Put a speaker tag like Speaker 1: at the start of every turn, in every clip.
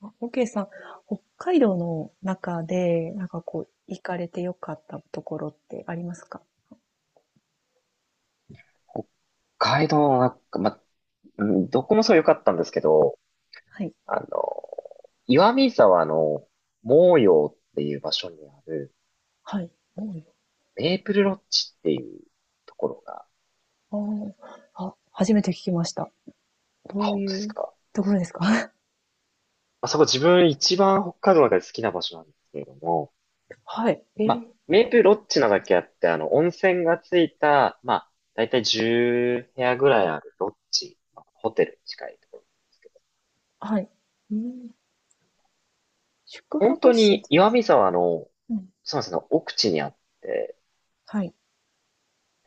Speaker 1: あ、OK さん、北海道の中で、なんかこう、行かれてよかったところってありますか？
Speaker 2: 北海道は、まうんどこもそう良かったんですけど、
Speaker 1: はい。
Speaker 2: あの、岩見沢の毛陽っていう場所にある
Speaker 1: はい。
Speaker 2: メープルロッジっていうところが。
Speaker 1: おー。あーあ、初めて聞きました。
Speaker 2: あ、
Speaker 1: どう
Speaker 2: 本当です
Speaker 1: いう
Speaker 2: か？
Speaker 1: ところですか？
Speaker 2: まあそこ自分一番北海道の中で好きな場所なんですけれども、
Speaker 1: はい。
Speaker 2: まあ、メープルロッジなだけあって、温泉がついた、まあ、だいたい10部屋ぐらいあるロッジ、まあホテルに近いところなんですけど、
Speaker 1: はい。うん、宿
Speaker 2: 本
Speaker 1: 泊
Speaker 2: 当
Speaker 1: 施
Speaker 2: に
Speaker 1: 設で
Speaker 2: 岩
Speaker 1: す。
Speaker 2: 見沢の、
Speaker 1: うん。
Speaker 2: そうなんですね、奥地にあって、
Speaker 1: はい。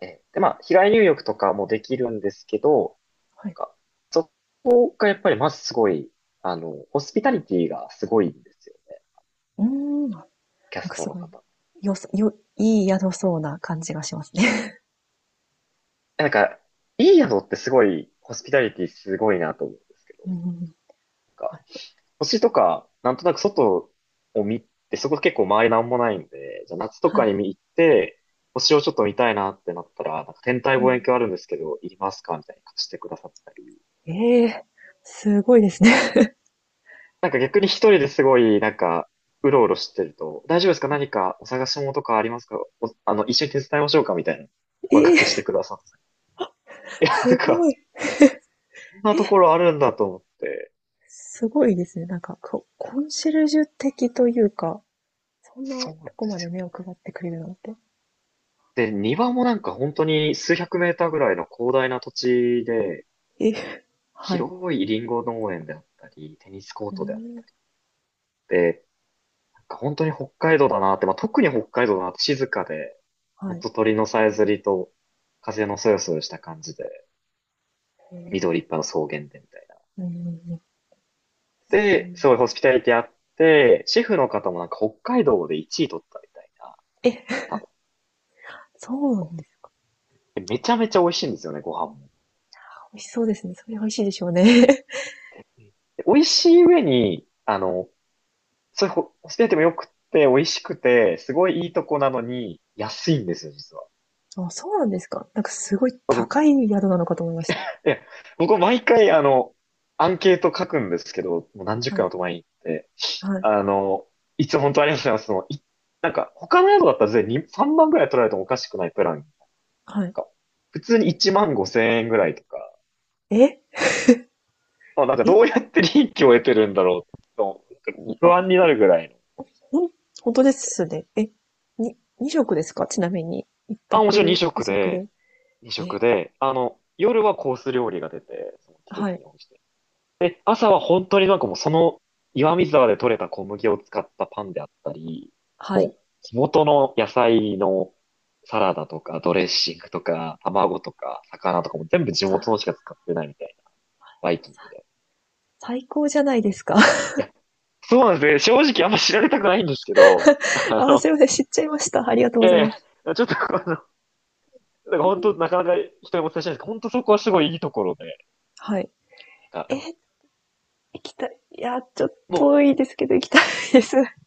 Speaker 2: で、まあ、日帰り入浴とかもできるんですけど、
Speaker 1: は
Speaker 2: なん
Speaker 1: い。
Speaker 2: か、そこがやっぱりまずすごい、ホスピタリティがすごいんですよね。
Speaker 1: うーん。あ、
Speaker 2: キャ
Speaker 1: なん
Speaker 2: ス
Speaker 1: か
Speaker 2: ト
Speaker 1: す
Speaker 2: の
Speaker 1: ごい、
Speaker 2: 方。
Speaker 1: よそ、よ、いい宿そうな感じがしますね。
Speaker 2: なんか、いい宿ってすごい、ホスピタリティすごいなと思うんですけ ど、
Speaker 1: うん。はい。
Speaker 2: 星とか、なんとなく外を見て、そこ結構周りなんもないんで、じゃあ夏と
Speaker 1: は
Speaker 2: か
Speaker 1: い。
Speaker 2: に行って、星をちょっと見たいなってなったら、なんか天体
Speaker 1: う
Speaker 2: 望遠
Speaker 1: ん、
Speaker 2: 鏡あるんですけど、いりますかみたいに貸してくださったり。
Speaker 1: えー、すごいですね。
Speaker 2: なんか逆に一人で すごい、なんか、うろうろしてると、大丈夫ですか？何かお探し物とかありますか？おあの、一緒に手伝いましょうか？みたいな声
Speaker 1: ええ
Speaker 2: かけして
Speaker 1: ー、
Speaker 2: くださって。いや、な
Speaker 1: す
Speaker 2: ん
Speaker 1: ご
Speaker 2: か、
Speaker 1: い。
Speaker 2: こんなところあるんだと思って。
Speaker 1: すごいですね。なんか、コンシェルジュ的というか、そんな
Speaker 2: そうなんで
Speaker 1: とこま
Speaker 2: す
Speaker 1: で
Speaker 2: よ。
Speaker 1: 目を配ってくれるなんて。
Speaker 2: で、庭もなんか本当に数百メーターぐらいの広大な土地で、
Speaker 1: え、はい。
Speaker 2: 広いリンゴ農園であったり、テニスコー
Speaker 1: う
Speaker 2: トであっ
Speaker 1: ん。
Speaker 2: て、なんか本当に北海道だなって、まあ、特に北海道だなって静かで、ほ
Speaker 1: は
Speaker 2: ん
Speaker 1: い。
Speaker 2: と鳥のさえずりと風のそよそよした感じで。
Speaker 1: えん
Speaker 2: 緑いっぱいの草原でみたいな。
Speaker 1: うん。
Speaker 2: で、すごいホスピタリティあって、シェフの方もなんか北海道で1位取ったみたいな
Speaker 1: え、
Speaker 2: 方
Speaker 1: そうなんですか。
Speaker 2: で。めちゃめちゃ美味しいんですよね、ご飯も。うん
Speaker 1: 美味しそうですね。それ美味しいでしょうね。
Speaker 2: で美味しい上に、そういうホスピタリティも良くて、美味しくて、すごいいいとこなのに、安いんですよ、実は。
Speaker 1: あ、そうなんですか。なんかすごい
Speaker 2: 僕、
Speaker 1: 高い宿なのかと思いました。
Speaker 2: いや、僕毎回、アンケート書くんですけど、もう何十
Speaker 1: は
Speaker 2: 回
Speaker 1: い。
Speaker 2: も泊まりに行って、
Speaker 1: はい。
Speaker 2: あの、いつも本当ありがとうございます。なんか、他の宿だったら全然に3万ぐらい取られてもおかしくないプラン
Speaker 1: はい。
Speaker 2: か普通に1万5千円ぐらいとか、
Speaker 1: え
Speaker 2: まあ、なんか
Speaker 1: え。
Speaker 2: どうやって利益を得てるんだろうと、なんか
Speaker 1: い
Speaker 2: 不
Speaker 1: あ、
Speaker 2: 安になるぐらいの。
Speaker 1: ほん、本当ですね。え、2食ですか、ちなみに。1
Speaker 2: あ、もちろん2
Speaker 1: 泊2
Speaker 2: 食
Speaker 1: 食
Speaker 2: で、
Speaker 1: で。
Speaker 2: 2食
Speaker 1: え、
Speaker 2: で、夜はコース料理が出て、その季
Speaker 1: は
Speaker 2: 節
Speaker 1: い。
Speaker 2: に応じて。で、朝は本当になんかもうその岩見沢で採れた小麦を使ったパンであったり、
Speaker 1: は
Speaker 2: も
Speaker 1: い。
Speaker 2: う地元の野菜のサラダとかドレッシングとか卵とか魚とかも全部地
Speaker 1: わ
Speaker 2: 元のし
Speaker 1: あ、
Speaker 2: か使ってないみたいなバイキングで。
Speaker 1: 最高じゃないですか。
Speaker 2: いや、そうなんですね。正直あんま知られたくないんですけど、
Speaker 1: あ、すいません。知っちゃいました。ありがとうご
Speaker 2: え
Speaker 1: ざいます。
Speaker 2: ちょっとなんか本当なかなか人にお伝えしないんですけど、本当そこはすごいいいところで。
Speaker 1: はい。
Speaker 2: あ、
Speaker 1: え、行きたい。いや、ちょっと
Speaker 2: も
Speaker 1: 遠いですけど、行きたいです。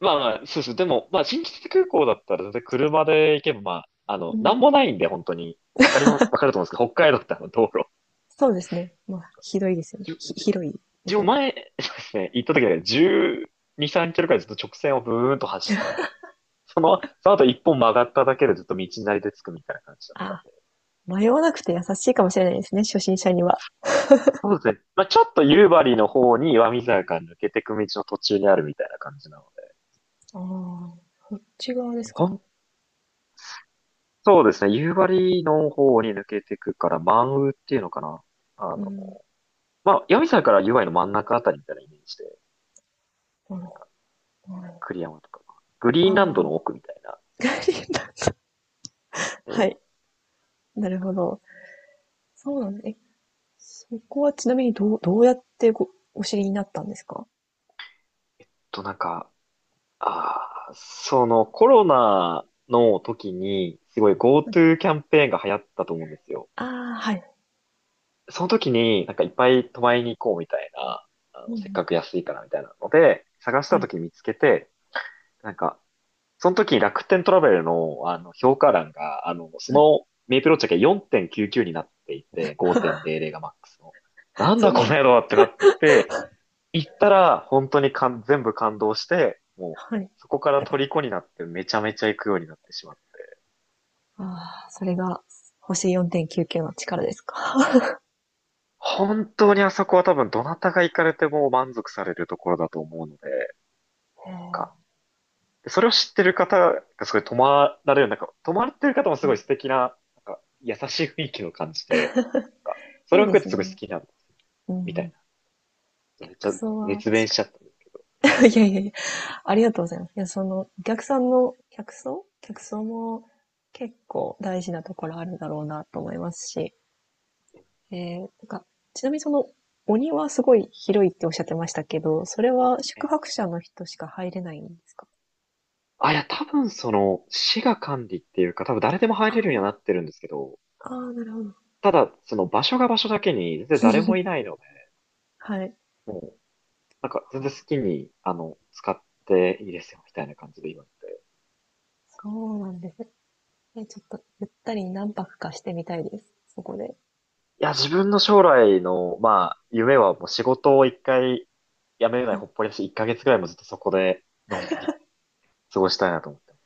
Speaker 2: う、まあまあ、そうです。でも、まあ、新千歳空港だったら全然車で行けば、まあ、
Speaker 1: う
Speaker 2: な
Speaker 1: ん、
Speaker 2: んもないんで、本当に。わかると思うんですけど、北海道ってあの道路。
Speaker 1: そうですね。まあ、ひどいですよね。
Speaker 2: じゅ、じ
Speaker 1: 広いで
Speaker 2: 自
Speaker 1: すよ
Speaker 2: 分
Speaker 1: ね。
Speaker 2: 前、そうですね、行った時は12、3キロくらいずっと直線をブーンと走って、その後一本曲がっただけでずっと道なりで着くみたいな感じだっ
Speaker 1: あ
Speaker 2: た。
Speaker 1: あ、迷わなくて優しいかもしれないですね。初心者には。
Speaker 2: そうですね。まあ、ちょっと夕張の方に岩見沢から抜けてく道の途中にあるみたいな感じなので。
Speaker 1: ああ、こっち側です
Speaker 2: ほ
Speaker 1: か。
Speaker 2: ん、そうですね。夕張の方に抜けてくから、満雨っていうのかな。あ
Speaker 1: う
Speaker 2: の、
Speaker 1: ん。
Speaker 2: まあ、岩見沢から夕張の真ん中あたりみたいなイメージで、
Speaker 1: なるほど。
Speaker 2: 栗山とか、グリーンラン
Speaker 1: あ
Speaker 2: ド
Speaker 1: あ。
Speaker 2: の奥みたいな。え
Speaker 1: は
Speaker 2: ーっ
Speaker 1: い。なるほど。そうなんです。え、そこはちなみにどうやってお知りになったんですか？
Speaker 2: なんか、ああ、そのコロナの時に、すごい GoTo キャンペーンが流行ったと思うんですよ。
Speaker 1: ああ、はい。
Speaker 2: その時になんかいっぱい泊まりに行こうみたいな、
Speaker 1: うんう
Speaker 2: せっ
Speaker 1: ん。
Speaker 2: かく安いからみたいなので、探し
Speaker 1: は
Speaker 2: た
Speaker 1: い。
Speaker 2: 時に見つけて、なんか、その時に楽天トラベルの、あの評価欄が、そ
Speaker 1: はい。
Speaker 2: のメイプロチェックが4.99になっていて、5.00がマックスの。なん
Speaker 1: そ
Speaker 2: だ
Speaker 1: ん
Speaker 2: この
Speaker 1: な、
Speaker 2: 野郎ってなって、行ったら本当に全部感動して、もう
Speaker 1: はい。
Speaker 2: そこから虜になってめちゃめちゃ行くようになってしまって。
Speaker 1: ああ、それが星4.99の力ですか。
Speaker 2: 本当にあそこは多分どなたが行かれても満足されるところだと思うので、
Speaker 1: へえ、
Speaker 2: なんかそれを知ってる方がすごい泊まられる、なんか、泊まってる方も
Speaker 1: う
Speaker 2: すごい
Speaker 1: ん、
Speaker 2: 素敵な、なんか、優しい雰囲気を感じて、なんか、そ
Speaker 1: い
Speaker 2: れ
Speaker 1: い
Speaker 2: を
Speaker 1: で
Speaker 2: 含め
Speaker 1: す
Speaker 2: てすごい好
Speaker 1: ね。
Speaker 2: きなんです
Speaker 1: うんう
Speaker 2: みたい
Speaker 1: ん。
Speaker 2: な。めっち
Speaker 1: 客
Speaker 2: ゃ
Speaker 1: 層は
Speaker 2: 熱
Speaker 1: 確
Speaker 2: 弁し
Speaker 1: か
Speaker 2: ちゃったんですけど、
Speaker 1: に。いやいやいや、ありがとうございます。いや、その、お客さんの客層も結構大事なところあるだろうなと思いますし、なんか、ちなみにその、鬼はすごい広いっておっしゃってましたけど、それは宿
Speaker 2: え
Speaker 1: 泊者の人しか入れないんですか？
Speaker 2: いや、多分その、市が管理っていうか、多分誰でも入
Speaker 1: あー。
Speaker 2: れるようにはなってるんですけど、
Speaker 1: あー、なるほど。
Speaker 2: ただ、その場所が場所だけに、全然誰もいないので、
Speaker 1: はい。
Speaker 2: もう、なんか、全然好きに、使っていいですよ、みたいな感じで言われて。
Speaker 1: そうなんです。え、ちょっとゆったり何泊かしてみたいです。そこで。
Speaker 2: いや、自分の将来の、まあ、夢はもう仕事を一回辞めない
Speaker 1: はい。
Speaker 2: ほっぽりだし、一ヶ月ぐらいもずっとそこで、のんびり過ごしたいなと思ってます。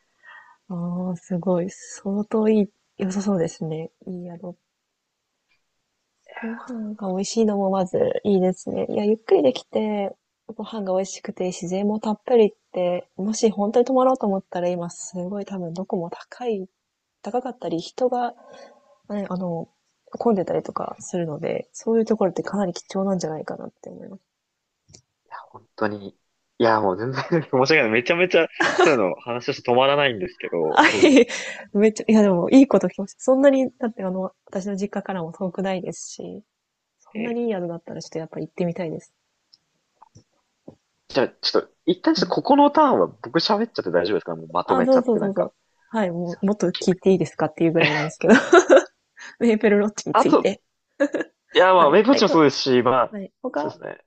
Speaker 1: ああ、すごい。相当いい、良さそうですね。いい宿。ご飯が美味しいのもまずいいですね。いや、ゆっくりできて、ご飯が美味しくて自然もたっぷりって、もし本当に泊まろうと思ったら今すごい多分どこも高い、高かったり、人が、ね、あの、混んでたりとかするので、そういうところってかなり貴重なんじゃないかなって思います。
Speaker 2: 本当に。いや、もう全然 申し訳ない。めちゃめちゃ、そういうの話をして止まらないんですけ ど、
Speaker 1: あ、
Speaker 2: そうで
Speaker 1: い
Speaker 2: す
Speaker 1: い、
Speaker 2: ね。
Speaker 1: めっちゃ、いやでも、いいこと聞きました。そんなに、だってあの、私の実家からも遠くないですし、そん
Speaker 2: え
Speaker 1: な
Speaker 2: え
Speaker 1: にいい宿だったらちょっとやっぱ行ってみたいです。
Speaker 2: じゃあ、ちょっと、一旦ち
Speaker 1: う
Speaker 2: ょっ
Speaker 1: ん。
Speaker 2: とここのターンは僕喋っちゃって大丈夫ですか？もうまと
Speaker 1: あ、
Speaker 2: めち
Speaker 1: ど
Speaker 2: ゃ
Speaker 1: う
Speaker 2: っ
Speaker 1: ぞ
Speaker 2: てな
Speaker 1: ど
Speaker 2: ん
Speaker 1: う
Speaker 2: か。
Speaker 1: ぞ。はい、
Speaker 2: す
Speaker 1: も
Speaker 2: いま
Speaker 1: う、もっと聞いていいですかっていうぐ
Speaker 2: せ
Speaker 1: らいなんです
Speaker 2: ん。
Speaker 1: けど、メーペルロッジに
Speaker 2: あ
Speaker 1: つい
Speaker 2: と、
Speaker 1: て。
Speaker 2: いや、ま
Speaker 1: は
Speaker 2: あ、
Speaker 1: い。
Speaker 2: メイプウォ
Speaker 1: は
Speaker 2: ッ
Speaker 1: い、
Speaker 2: チも
Speaker 1: か、
Speaker 2: そうですし、まあ、
Speaker 1: はい。
Speaker 2: そうで
Speaker 1: 他、
Speaker 2: すね。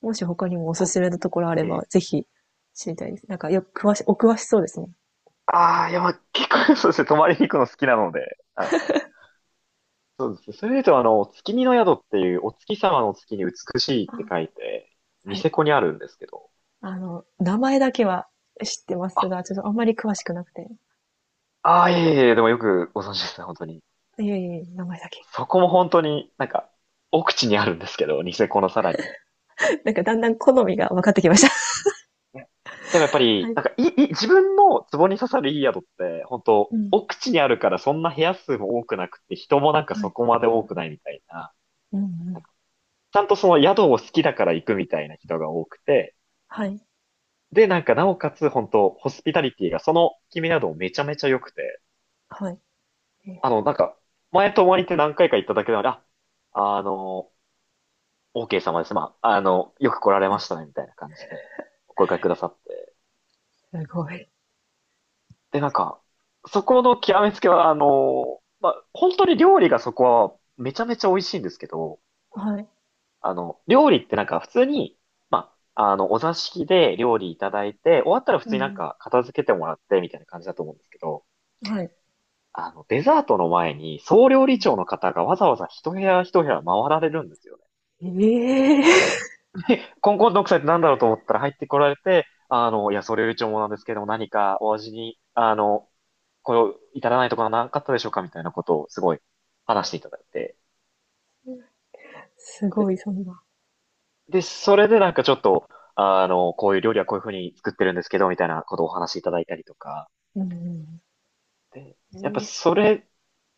Speaker 1: もし他にもおすすめのところあれば、
Speaker 2: こ、ええ
Speaker 1: ぜひ知りたいです。なんか、よく詳し、お詳しそうですね。
Speaker 2: ああ、いや、まあ、結構そうですね、泊まりに行くの好きなので、そうですね。それで言うと、月見の宿っていう、お月様の月に美しいって
Speaker 1: あ、
Speaker 2: 書いて、ニ
Speaker 1: はい。
Speaker 2: セコにあるんですけど。
Speaker 1: あの、名前だけは知ってます
Speaker 2: あ、
Speaker 1: が、ちょっとあんまり詳しくなくて。
Speaker 2: ああ、いえいえ、でもよくご存知ですね、本当に。
Speaker 1: いえいえ、名前だけ。
Speaker 2: そこも本当になんか、奥地にあるんですけど、ニセコのさらに。
Speaker 1: なんかだんだん好みが分かってきました。
Speaker 2: ねでもやっぱ
Speaker 1: は
Speaker 2: り、
Speaker 1: い。
Speaker 2: なんか、いい自分の壺に刺さるいい宿って、本当
Speaker 1: うん、
Speaker 2: 奥地にあるからそんな部屋数も多くなくて、人もなんか
Speaker 1: は
Speaker 2: そ
Speaker 1: い。
Speaker 2: こまで多くないみたいな。
Speaker 1: うんう
Speaker 2: なん
Speaker 1: ん。
Speaker 2: かちゃんとその宿を好きだから行くみたいな人が多くて、
Speaker 1: はい、
Speaker 2: で、なんか、なおかつ、本当ホスピタリティが、その決め宿もめちゃめちゃ良くて、
Speaker 1: はい。え
Speaker 2: なんか、前泊まりって何回か行っただけなので、あの、OK 様です。まあ、よく来られ
Speaker 1: は
Speaker 2: ま
Speaker 1: い。
Speaker 2: したね、みたいな感じで、お声掛けくださって。
Speaker 1: すごい。
Speaker 2: で、なんか、そこの極めつけは、まあ、本当に料理がそこは、めちゃめちゃ美味しいんですけど、
Speaker 1: はい。
Speaker 2: 料理ってなんか、普通に、まあ、お座敷で料理いただいて、終わったら普
Speaker 1: う
Speaker 2: 通になん
Speaker 1: ん
Speaker 2: か片付けてもらって、みたいな感じだと思うんですけど、
Speaker 1: うん。はい。
Speaker 2: デザートの前に、総料
Speaker 1: う
Speaker 2: 理
Speaker 1: ん。
Speaker 2: 長の方がわざわざ一部屋一部屋回られるんですよね。
Speaker 1: ええー、
Speaker 2: コンコンの奥さんって何だろうと思ったら入ってこられて、いや、総料理長もなんですけども、何かお味に、これを至らないところはなかったでしょうかみたいなことをすごい話していただいて。
Speaker 1: すご
Speaker 2: で、
Speaker 1: い、そんな。
Speaker 2: で、それでなんかちょっと、こういう料理はこういうふうに作ってるんですけど、みたいなことをお話しいただいたりとか。
Speaker 1: うん
Speaker 2: で、やっ
Speaker 1: う
Speaker 2: ぱ
Speaker 1: ん。ええ。
Speaker 2: それ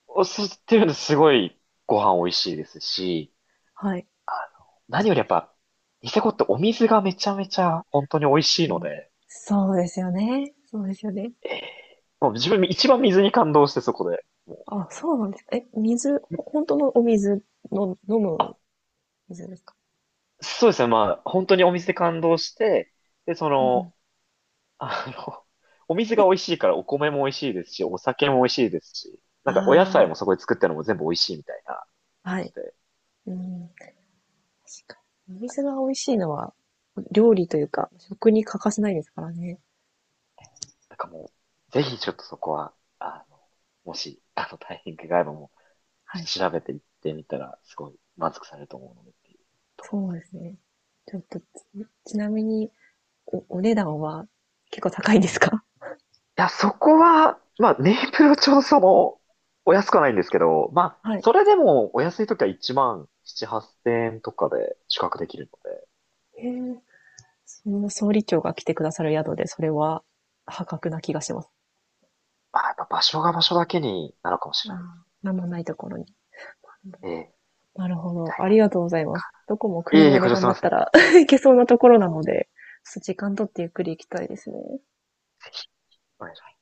Speaker 2: を知ってるのすごいご飯美味しいですし、
Speaker 1: はい。
Speaker 2: あ何よりやっぱ、ニセコってお水がめちゃめちゃ本当に美味しい
Speaker 1: う
Speaker 2: の
Speaker 1: ん。
Speaker 2: で、
Speaker 1: そうですよね。そうですよね。
Speaker 2: ええもう自分一番水に感動してそこで。も
Speaker 1: あ、そうなんですか。え、水、
Speaker 2: う
Speaker 1: 本当のお水の、飲む
Speaker 2: あ、
Speaker 1: 水ですか？
Speaker 2: そうですね。まあ、本当にお水で感動して、で、
Speaker 1: うんう
Speaker 2: あの、お水が美味しいからお米も美味しいですし、お酒も美味しいですし、
Speaker 1: ん。
Speaker 2: なんかお野菜も
Speaker 1: あ
Speaker 2: そこで作ってるのも全部美味しいみたいな
Speaker 1: あ、
Speaker 2: 感
Speaker 1: は
Speaker 2: じ
Speaker 1: い。
Speaker 2: で、
Speaker 1: うん、確かに。お水が美味しいのは、料理というか、食に欠かせないですからね。
Speaker 2: なんかもう、ぜひちょっとそこは、あの、もし、タイミングがあればもう、ち
Speaker 1: は
Speaker 2: ょっと
Speaker 1: い。
Speaker 2: 調べていってみたら、すごい満足されると思うのでっていうところ、
Speaker 1: そうですね。ちょっと、ちなみに、お値段は結構高いんですか？
Speaker 2: いや、そこは、まあ、ネイプルちょうどその、お安くはないんですけど、まあ、
Speaker 1: はい。
Speaker 2: それでもお安い時は1万7、8千円とかで宿泊できるので、
Speaker 1: へえ。その総理長が来てくださる宿で、それは破格な気がします。
Speaker 2: まあ、やっぱ場所が場所だけになるかもし
Speaker 1: あ
Speaker 2: れ
Speaker 1: あ、
Speaker 2: ないです。
Speaker 1: なんもないところに。
Speaker 2: ええみ
Speaker 1: なるほ
Speaker 2: た
Speaker 1: ど。
Speaker 2: い
Speaker 1: あり
Speaker 2: な。
Speaker 1: がとうございます。どこも
Speaker 2: いえいえ、
Speaker 1: 車で
Speaker 2: ご乗車す
Speaker 1: 頑
Speaker 2: い
Speaker 1: 張
Speaker 2: ま
Speaker 1: っ
Speaker 2: せ
Speaker 1: たら
Speaker 2: ん。
Speaker 1: 行けそうなところなので、ちょっと時間取ってゆっくり行きたいですね。
Speaker 2: お願いします